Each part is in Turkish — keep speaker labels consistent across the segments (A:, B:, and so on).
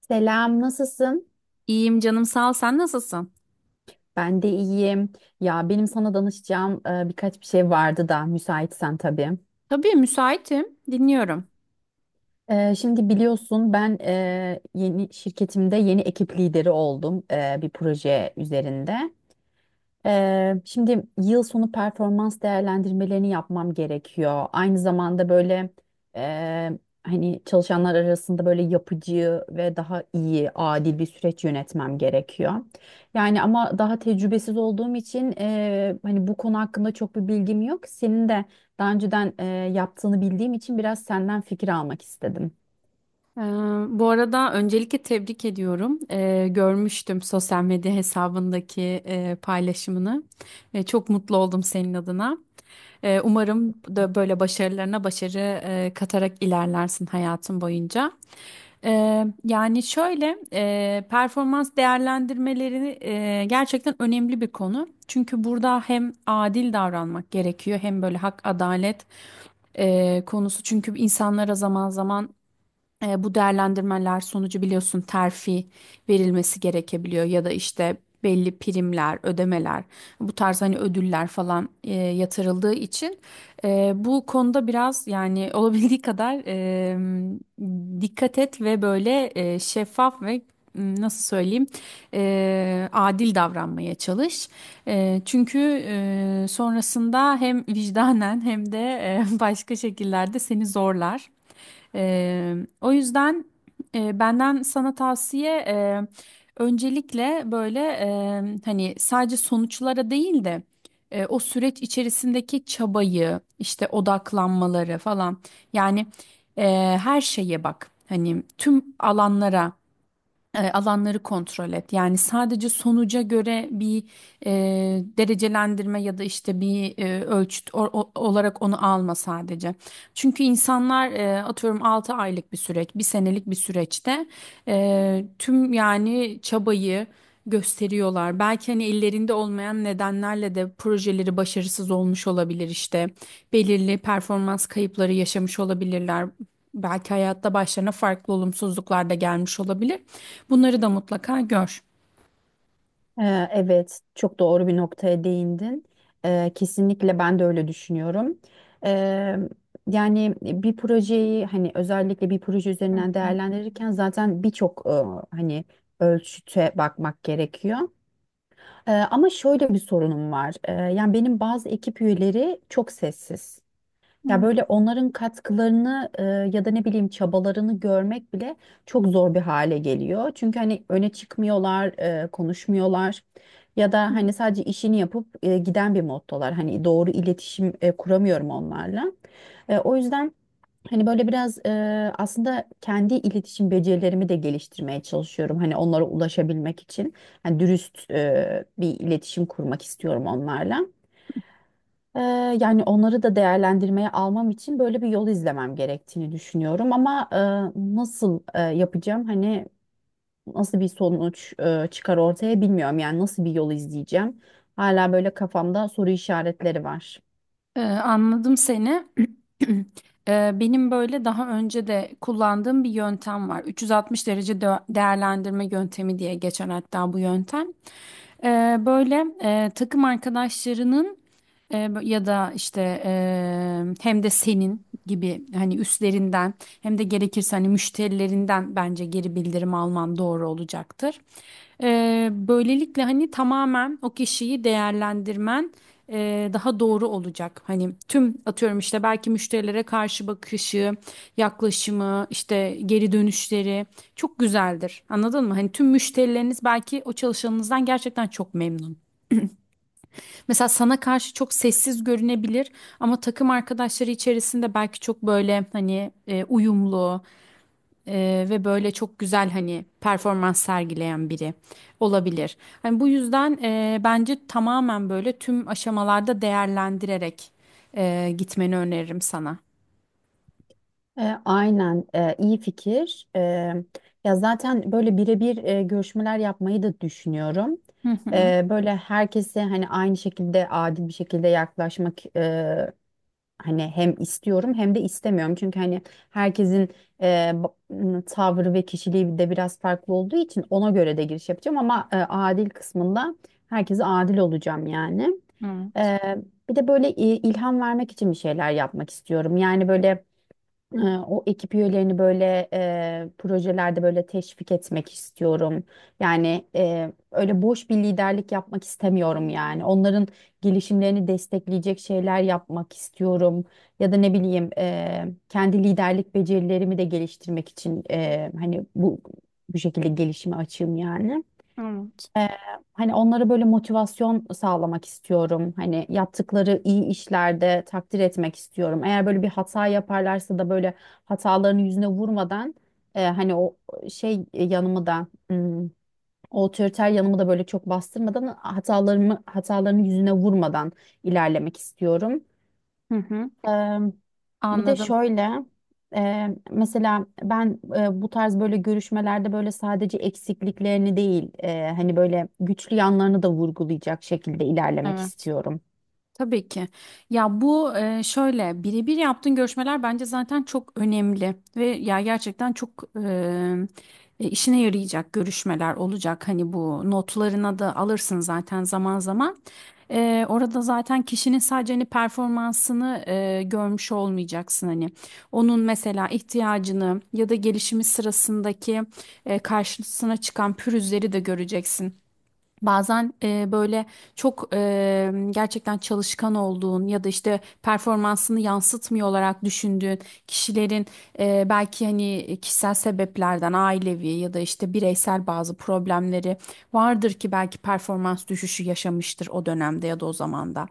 A: Selam, nasılsın?
B: İyiyim canım sağ ol. Sen nasılsın?
A: Ben de iyiyim. Ya benim sana danışacağım birkaç bir şey vardı da müsaitsen tabii.
B: Tabii müsaitim. Dinliyorum.
A: Şimdi biliyorsun ben yeni şirketimde yeni ekip lideri oldum bir proje üzerinde. Şimdi yıl sonu performans değerlendirmelerini yapmam gerekiyor. Aynı zamanda böyle e, hani çalışanlar arasında böyle yapıcı ve daha iyi, adil bir süreç yönetmem gerekiyor. Yani ama daha tecrübesiz olduğum için hani bu konu hakkında çok bir bilgim yok. Senin de daha önceden yaptığını bildiğim için biraz senden fikir almak istedim.
B: Ee, bu arada öncelikle tebrik ediyorum. Görmüştüm sosyal medya hesabındaki paylaşımını. Çok mutlu oldum senin adına. Umarım da böyle başarılarına başarı katarak ilerlersin hayatın boyunca. Yani şöyle performans değerlendirmeleri gerçekten önemli bir konu. Çünkü burada hem adil davranmak gerekiyor hem böyle hak adalet konusu. Çünkü insanlara zaman zaman bu değerlendirmeler sonucu biliyorsun terfi verilmesi gerekebiliyor ya da işte belli primler, ödemeler, bu tarz hani ödüller falan yatırıldığı için bu konuda biraz yani olabildiği kadar dikkat et ve böyle şeffaf ve nasıl söyleyeyim adil davranmaya çalış. Çünkü sonrasında hem vicdanen hem de başka şekillerde seni zorlar. Ee, o yüzden benden sana tavsiye öncelikle böyle hani sadece sonuçlara değil de o süreç içerisindeki çabayı işte odaklanmaları falan yani e, her şeye bak hani tüm alanlara alanları kontrol et. Yani sadece sonuca göre bir e, derecelendirme ya da işte bir ölçüt olarak onu alma sadece. Çünkü insanlar atıyorum 6 aylık bir süreç, bir senelik bir süreçte tüm yani çabayı gösteriyorlar. Belki hani ellerinde olmayan nedenlerle de projeleri başarısız olmuş olabilir işte. Belirli performans kayıpları yaşamış olabilirler. Belki hayatta başlarına farklı olumsuzluklar da gelmiş olabilir. Bunları da mutlaka gör.
A: Evet, çok doğru bir noktaya değindin. Kesinlikle ben de öyle düşünüyorum. Ee, Yani bir projeyi hani özellikle bir proje üzerinden değerlendirirken zaten birçok hani ölçüte bakmak gerekiyor. Ama şöyle bir sorunum var. Yani benim bazı ekip üyeleri çok sessiz. Ya böyle onların katkılarını ya da ne bileyim çabalarını görmek bile çok zor bir hale geliyor. Çünkü hani öne çıkmıyorlar, konuşmuyorlar ya da hani sadece işini yapıp giden bir moddalar. Hani doğru iletişim kuramıyorum onlarla. O yüzden hani böyle biraz aslında kendi iletişim becerilerimi de geliştirmeye çalışıyorum. Hani onlara ulaşabilmek için hani dürüst bir iletişim kurmak istiyorum onlarla. Ee, Yani onları da değerlendirmeye almam için böyle bir yol izlemem gerektiğini düşünüyorum ama nasıl yapacağım hani nasıl bir sonuç çıkar ortaya bilmiyorum yani nasıl bir yol izleyeceğim hala böyle kafamda soru işaretleri var.
B: Anladım seni. Benim böyle daha önce de kullandığım bir yöntem var. 360 derece değerlendirme yöntemi diye geçer hatta bu yöntem. Böyle takım arkadaşlarının ya da işte hem de senin gibi hani üstlerinden hem de gerekirse hani müşterilerinden bence geri bildirim alman doğru olacaktır. Böylelikle hani tamamen o kişiyi değerlendirmen daha doğru olacak. Hani tüm atıyorum işte belki müşterilere karşı bakışı, yaklaşımı, işte geri dönüşleri çok güzeldir. Anladın mı? Hani tüm müşterileriniz belki o çalışanınızdan gerçekten çok memnun. Mesela sana karşı çok sessiz görünebilir ama takım arkadaşları içerisinde belki çok böyle hani uyumlu ve böyle çok güzel hani performans sergileyen biri olabilir. Hani bu yüzden bence tamamen böyle tüm aşamalarda değerlendirerek gitmeni öneririm sana.
A: Aynen iyi fikir. Ya zaten böyle birebir görüşmeler yapmayı da düşünüyorum.
B: Hı hı.
A: Böyle herkese hani aynı şekilde adil bir şekilde yaklaşmak hani hem istiyorum hem de istemiyorum. Çünkü hani herkesin tavrı ve kişiliği de biraz farklı olduğu için ona göre de giriş yapacağım ama adil kısmında herkese adil olacağım yani.
B: Hı
A: E, Bir de böyle ilham vermek için bir şeyler yapmak istiyorum. Yani böyle ee, o ekip üyelerini böyle projelerde böyle teşvik etmek istiyorum. Yani öyle boş bir liderlik yapmak istemiyorum yani. Onların gelişimlerini destekleyecek şeyler yapmak istiyorum. Ya da ne bileyim kendi liderlik becerilerimi de geliştirmek için hani bu şekilde gelişime açığım yani. Ee, Hani onlara böyle motivasyon sağlamak istiyorum. Hani yaptıkları iyi işlerde takdir etmek istiyorum. Eğer böyle bir hata yaparlarsa da böyle hatalarını yüzüne vurmadan hani o yanımı da o otoriter yanımı da böyle çok bastırmadan hatalarını yüzüne vurmadan ilerlemek istiyorum.
B: hı.
A: Eee, Bir de
B: Anladım.
A: şöyle mesela ben bu tarz böyle görüşmelerde böyle sadece eksikliklerini değil hani böyle güçlü yanlarını da vurgulayacak şekilde ilerlemek
B: Evet.
A: istiyorum.
B: Tabii ki. Ya bu şöyle birebir yaptığın görüşmeler bence zaten çok önemli ve ya gerçekten çok işine yarayacak görüşmeler olacak. Hani bu notlarına da alırsın zaten zaman zaman. Orada zaten kişinin sadece hani performansını görmüş olmayacaksın hani. Onun mesela ihtiyacını ya da gelişimi sırasındaki karşısına çıkan pürüzleri de göreceksin. Bazen böyle çok gerçekten çalışkan olduğun ya da işte performansını yansıtmıyor olarak düşündüğün kişilerin belki hani kişisel sebeplerden ailevi ya da işte bireysel bazı problemleri vardır ki belki performans düşüşü yaşamıştır o dönemde ya da o zamanda.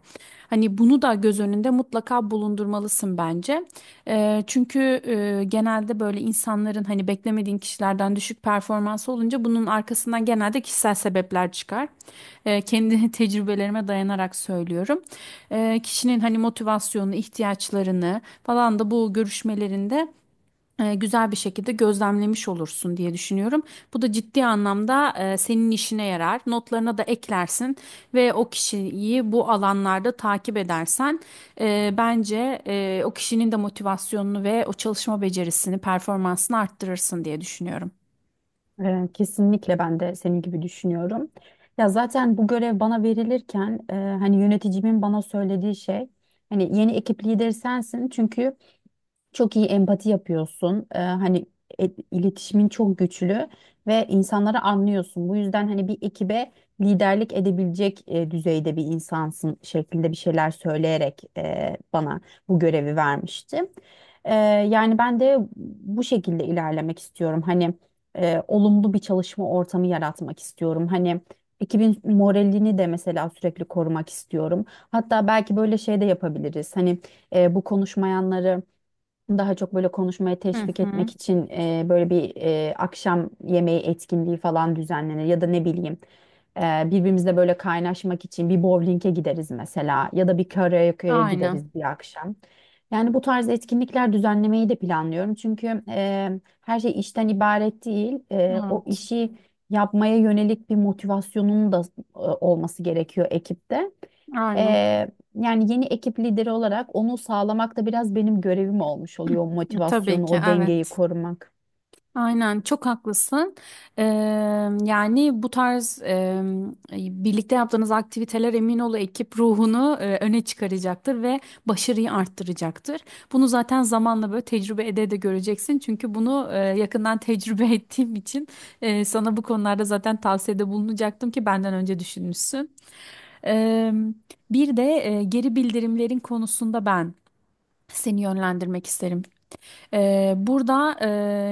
B: Hani bunu da göz önünde mutlaka bulundurmalısın bence. Çünkü genelde böyle insanların hani beklemediğin kişilerden düşük performansı olunca bunun arkasından genelde kişisel sebepler çıkar. Kendi tecrübelerime dayanarak söylüyorum. Kişinin hani motivasyonu, ihtiyaçlarını falan da bu görüşmelerinde güzel bir şekilde gözlemlemiş olursun diye düşünüyorum. Bu da ciddi anlamda senin işine yarar. Notlarına da eklersin ve o kişiyi bu alanlarda takip edersen bence o kişinin de motivasyonunu ve o çalışma becerisini, performansını arttırırsın diye düşünüyorum.
A: Kesinlikle ben de senin gibi düşünüyorum. Ya zaten bu görev bana verilirken hani yöneticimin bana söylediği şey hani yeni ekip lideri sensin çünkü çok iyi empati yapıyorsun. Hani iletişimin çok güçlü ve insanları anlıyorsun. Bu yüzden hani bir ekibe liderlik edebilecek düzeyde bir insansın şeklinde bir şeyler söyleyerek bana bu görevi vermişti. Ee, Yani ben de bu şekilde ilerlemek istiyorum. Hani olumlu bir çalışma ortamı yaratmak istiyorum. Hani ekibin moralini de mesela sürekli korumak istiyorum. Hatta belki böyle şey de yapabiliriz. Hani bu konuşmayanları daha çok böyle konuşmaya
B: Hı
A: teşvik
B: hı.
A: etmek için böyle bir akşam yemeği etkinliği falan düzenlenir ya da ne bileyim birbirimizle böyle kaynaşmak için bir bowling'e gideriz mesela ya da bir karaoke'ye
B: Aynen.
A: gideriz bir akşam. Yani bu tarz etkinlikler düzenlemeyi de planlıyorum. Çünkü her şey işten ibaret değil. O
B: Evet.
A: işi yapmaya yönelik bir motivasyonun da olması gerekiyor ekipte.
B: Aynen.
A: E, Yani yeni ekip lideri olarak onu sağlamak da biraz benim görevim olmuş oluyor. O
B: Tabii
A: motivasyonu,
B: ki.
A: o dengeyi
B: Evet.
A: korumak.
B: Aynen çok haklısın. Eee, yani bu tarz birlikte yaptığınız aktiviteler emin ol ekip ruhunu öne çıkaracaktır ve başarıyı arttıracaktır. Bunu zaten zamanla böyle tecrübe ede de göreceksin. Çünkü bunu yakından tecrübe ettiğim için sana bu konularda zaten tavsiyede bulunacaktım ki benden önce düşünmüşsün. Eee, bir de geri bildirimlerin konusunda ben seni yönlendirmek isterim. Burada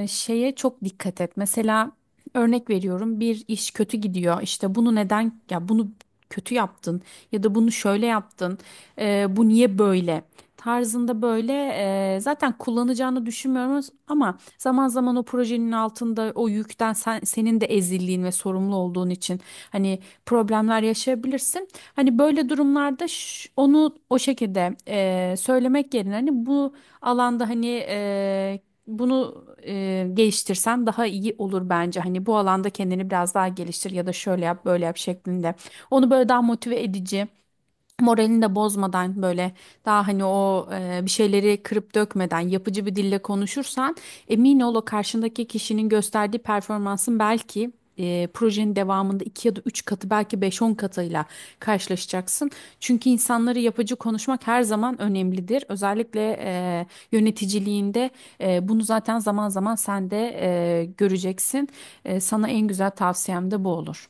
B: şeye çok dikkat et. Mesela örnek veriyorum bir iş kötü gidiyor. İşte bunu neden ya bunu kötü yaptın ya da bunu şöyle yaptın. Bu niye böyle? Tarzında böyle zaten kullanacağını düşünmüyoruz ama zaman zaman o projenin altında o yükten senin de ezildiğin ve sorumlu olduğun için hani problemler yaşayabilirsin. Hani böyle durumlarda onu o şekilde söylemek yerine hani bu alanda hani bunu geliştirsen daha iyi olur bence. Hani bu alanda kendini biraz daha geliştir ya da şöyle yap böyle yap şeklinde. Onu böyle daha motive edici moralini de bozmadan böyle daha hani o bir şeyleri kırıp dökmeden yapıcı bir dille konuşursan emin ol o karşındaki kişinin gösterdiği performansın belki projenin devamında 2 ya da 3 katı belki beş on katıyla karşılaşacaksın. Çünkü insanları yapıcı konuşmak her zaman önemlidir. Özellikle yöneticiliğinde bunu zaten zaman zaman sen de göreceksin. Sana en güzel tavsiyem de bu olur.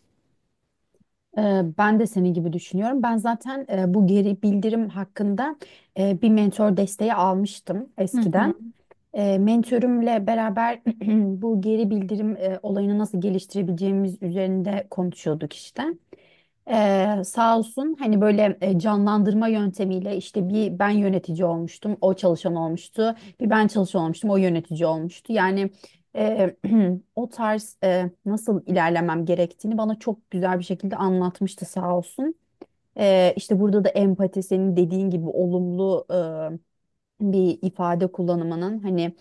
A: Ben de senin gibi düşünüyorum. Ben zaten bu geri bildirim hakkında bir mentor desteği almıştım
B: Hı hı.
A: eskiden. Mentörümle beraber bu geri bildirim olayını nasıl geliştirebileceğimiz üzerinde konuşuyorduk işte. Sağ olsun hani böyle canlandırma yöntemiyle işte bir ben yönetici olmuştum o çalışan olmuştu bir ben çalışan olmuştum o yönetici olmuştu yani e, o tarz nasıl ilerlemem gerektiğini bana çok güzel bir şekilde anlatmıştı sağ olsun. İşte burada da empati senin dediğin gibi olumlu bir ifade kullanımının hani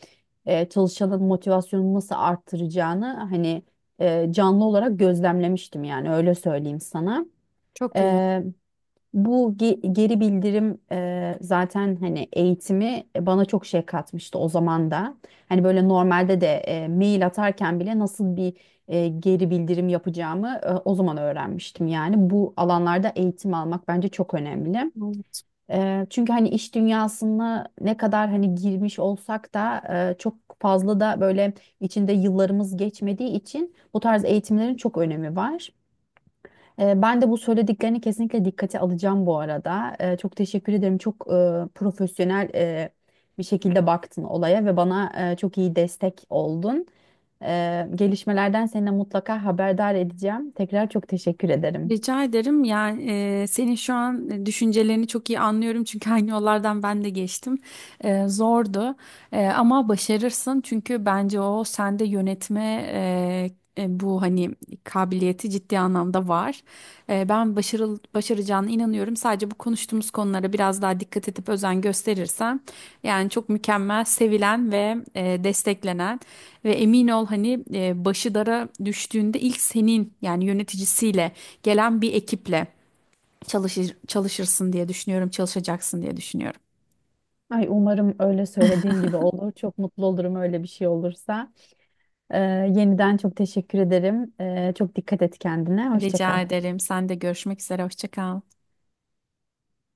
A: çalışanın motivasyonunu nasıl arttıracağını hani canlı olarak gözlemlemiştim yani öyle söyleyeyim sana.
B: Çok iyi.
A: Eee, Bu geri bildirim zaten hani eğitimi bana çok şey katmıştı o zaman da. Hani böyle normalde de mail atarken bile nasıl bir geri bildirim yapacağımı o zaman öğrenmiştim. Yani bu alanlarda eğitim almak bence çok önemli. Çünkü hani iş dünyasına ne kadar hani girmiş olsak da çok fazla da böyle içinde yıllarımız geçmediği için bu tarz eğitimlerin çok önemi var. Ben de bu söylediklerini kesinlikle dikkate alacağım bu arada. Çok teşekkür ederim. Çok profesyonel bir şekilde baktın olaya ve bana çok iyi destek oldun. Gelişmelerden seninle mutlaka haberdar edeceğim. Tekrar çok teşekkür ederim.
B: Rica ederim. Yani senin şu an düşüncelerini çok iyi anlıyorum çünkü aynı yollardan ben de geçtim. Zordu ama başarırsın çünkü bence o sende yönetme bu hani kabiliyeti ciddi anlamda var. Ben başaracağına inanıyorum. Sadece bu konuştuğumuz konulara biraz daha dikkat edip özen gösterirsen yani çok mükemmel, sevilen ve desteklenen. Ve emin ol hani başı dara düştüğünde ilk senin yani yöneticisiyle gelen bir ekiple çalışırsın diye düşünüyorum, çalışacaksın diye düşünüyorum.
A: Ay umarım öyle söylediğin gibi olur. Çok mutlu olurum öyle bir şey olursa. Ee, Yeniden çok teşekkür ederim. Çok dikkat et kendine. Hoşça kal.
B: Rica ederim. Sen de görüşmek üzere. Hoşça kal.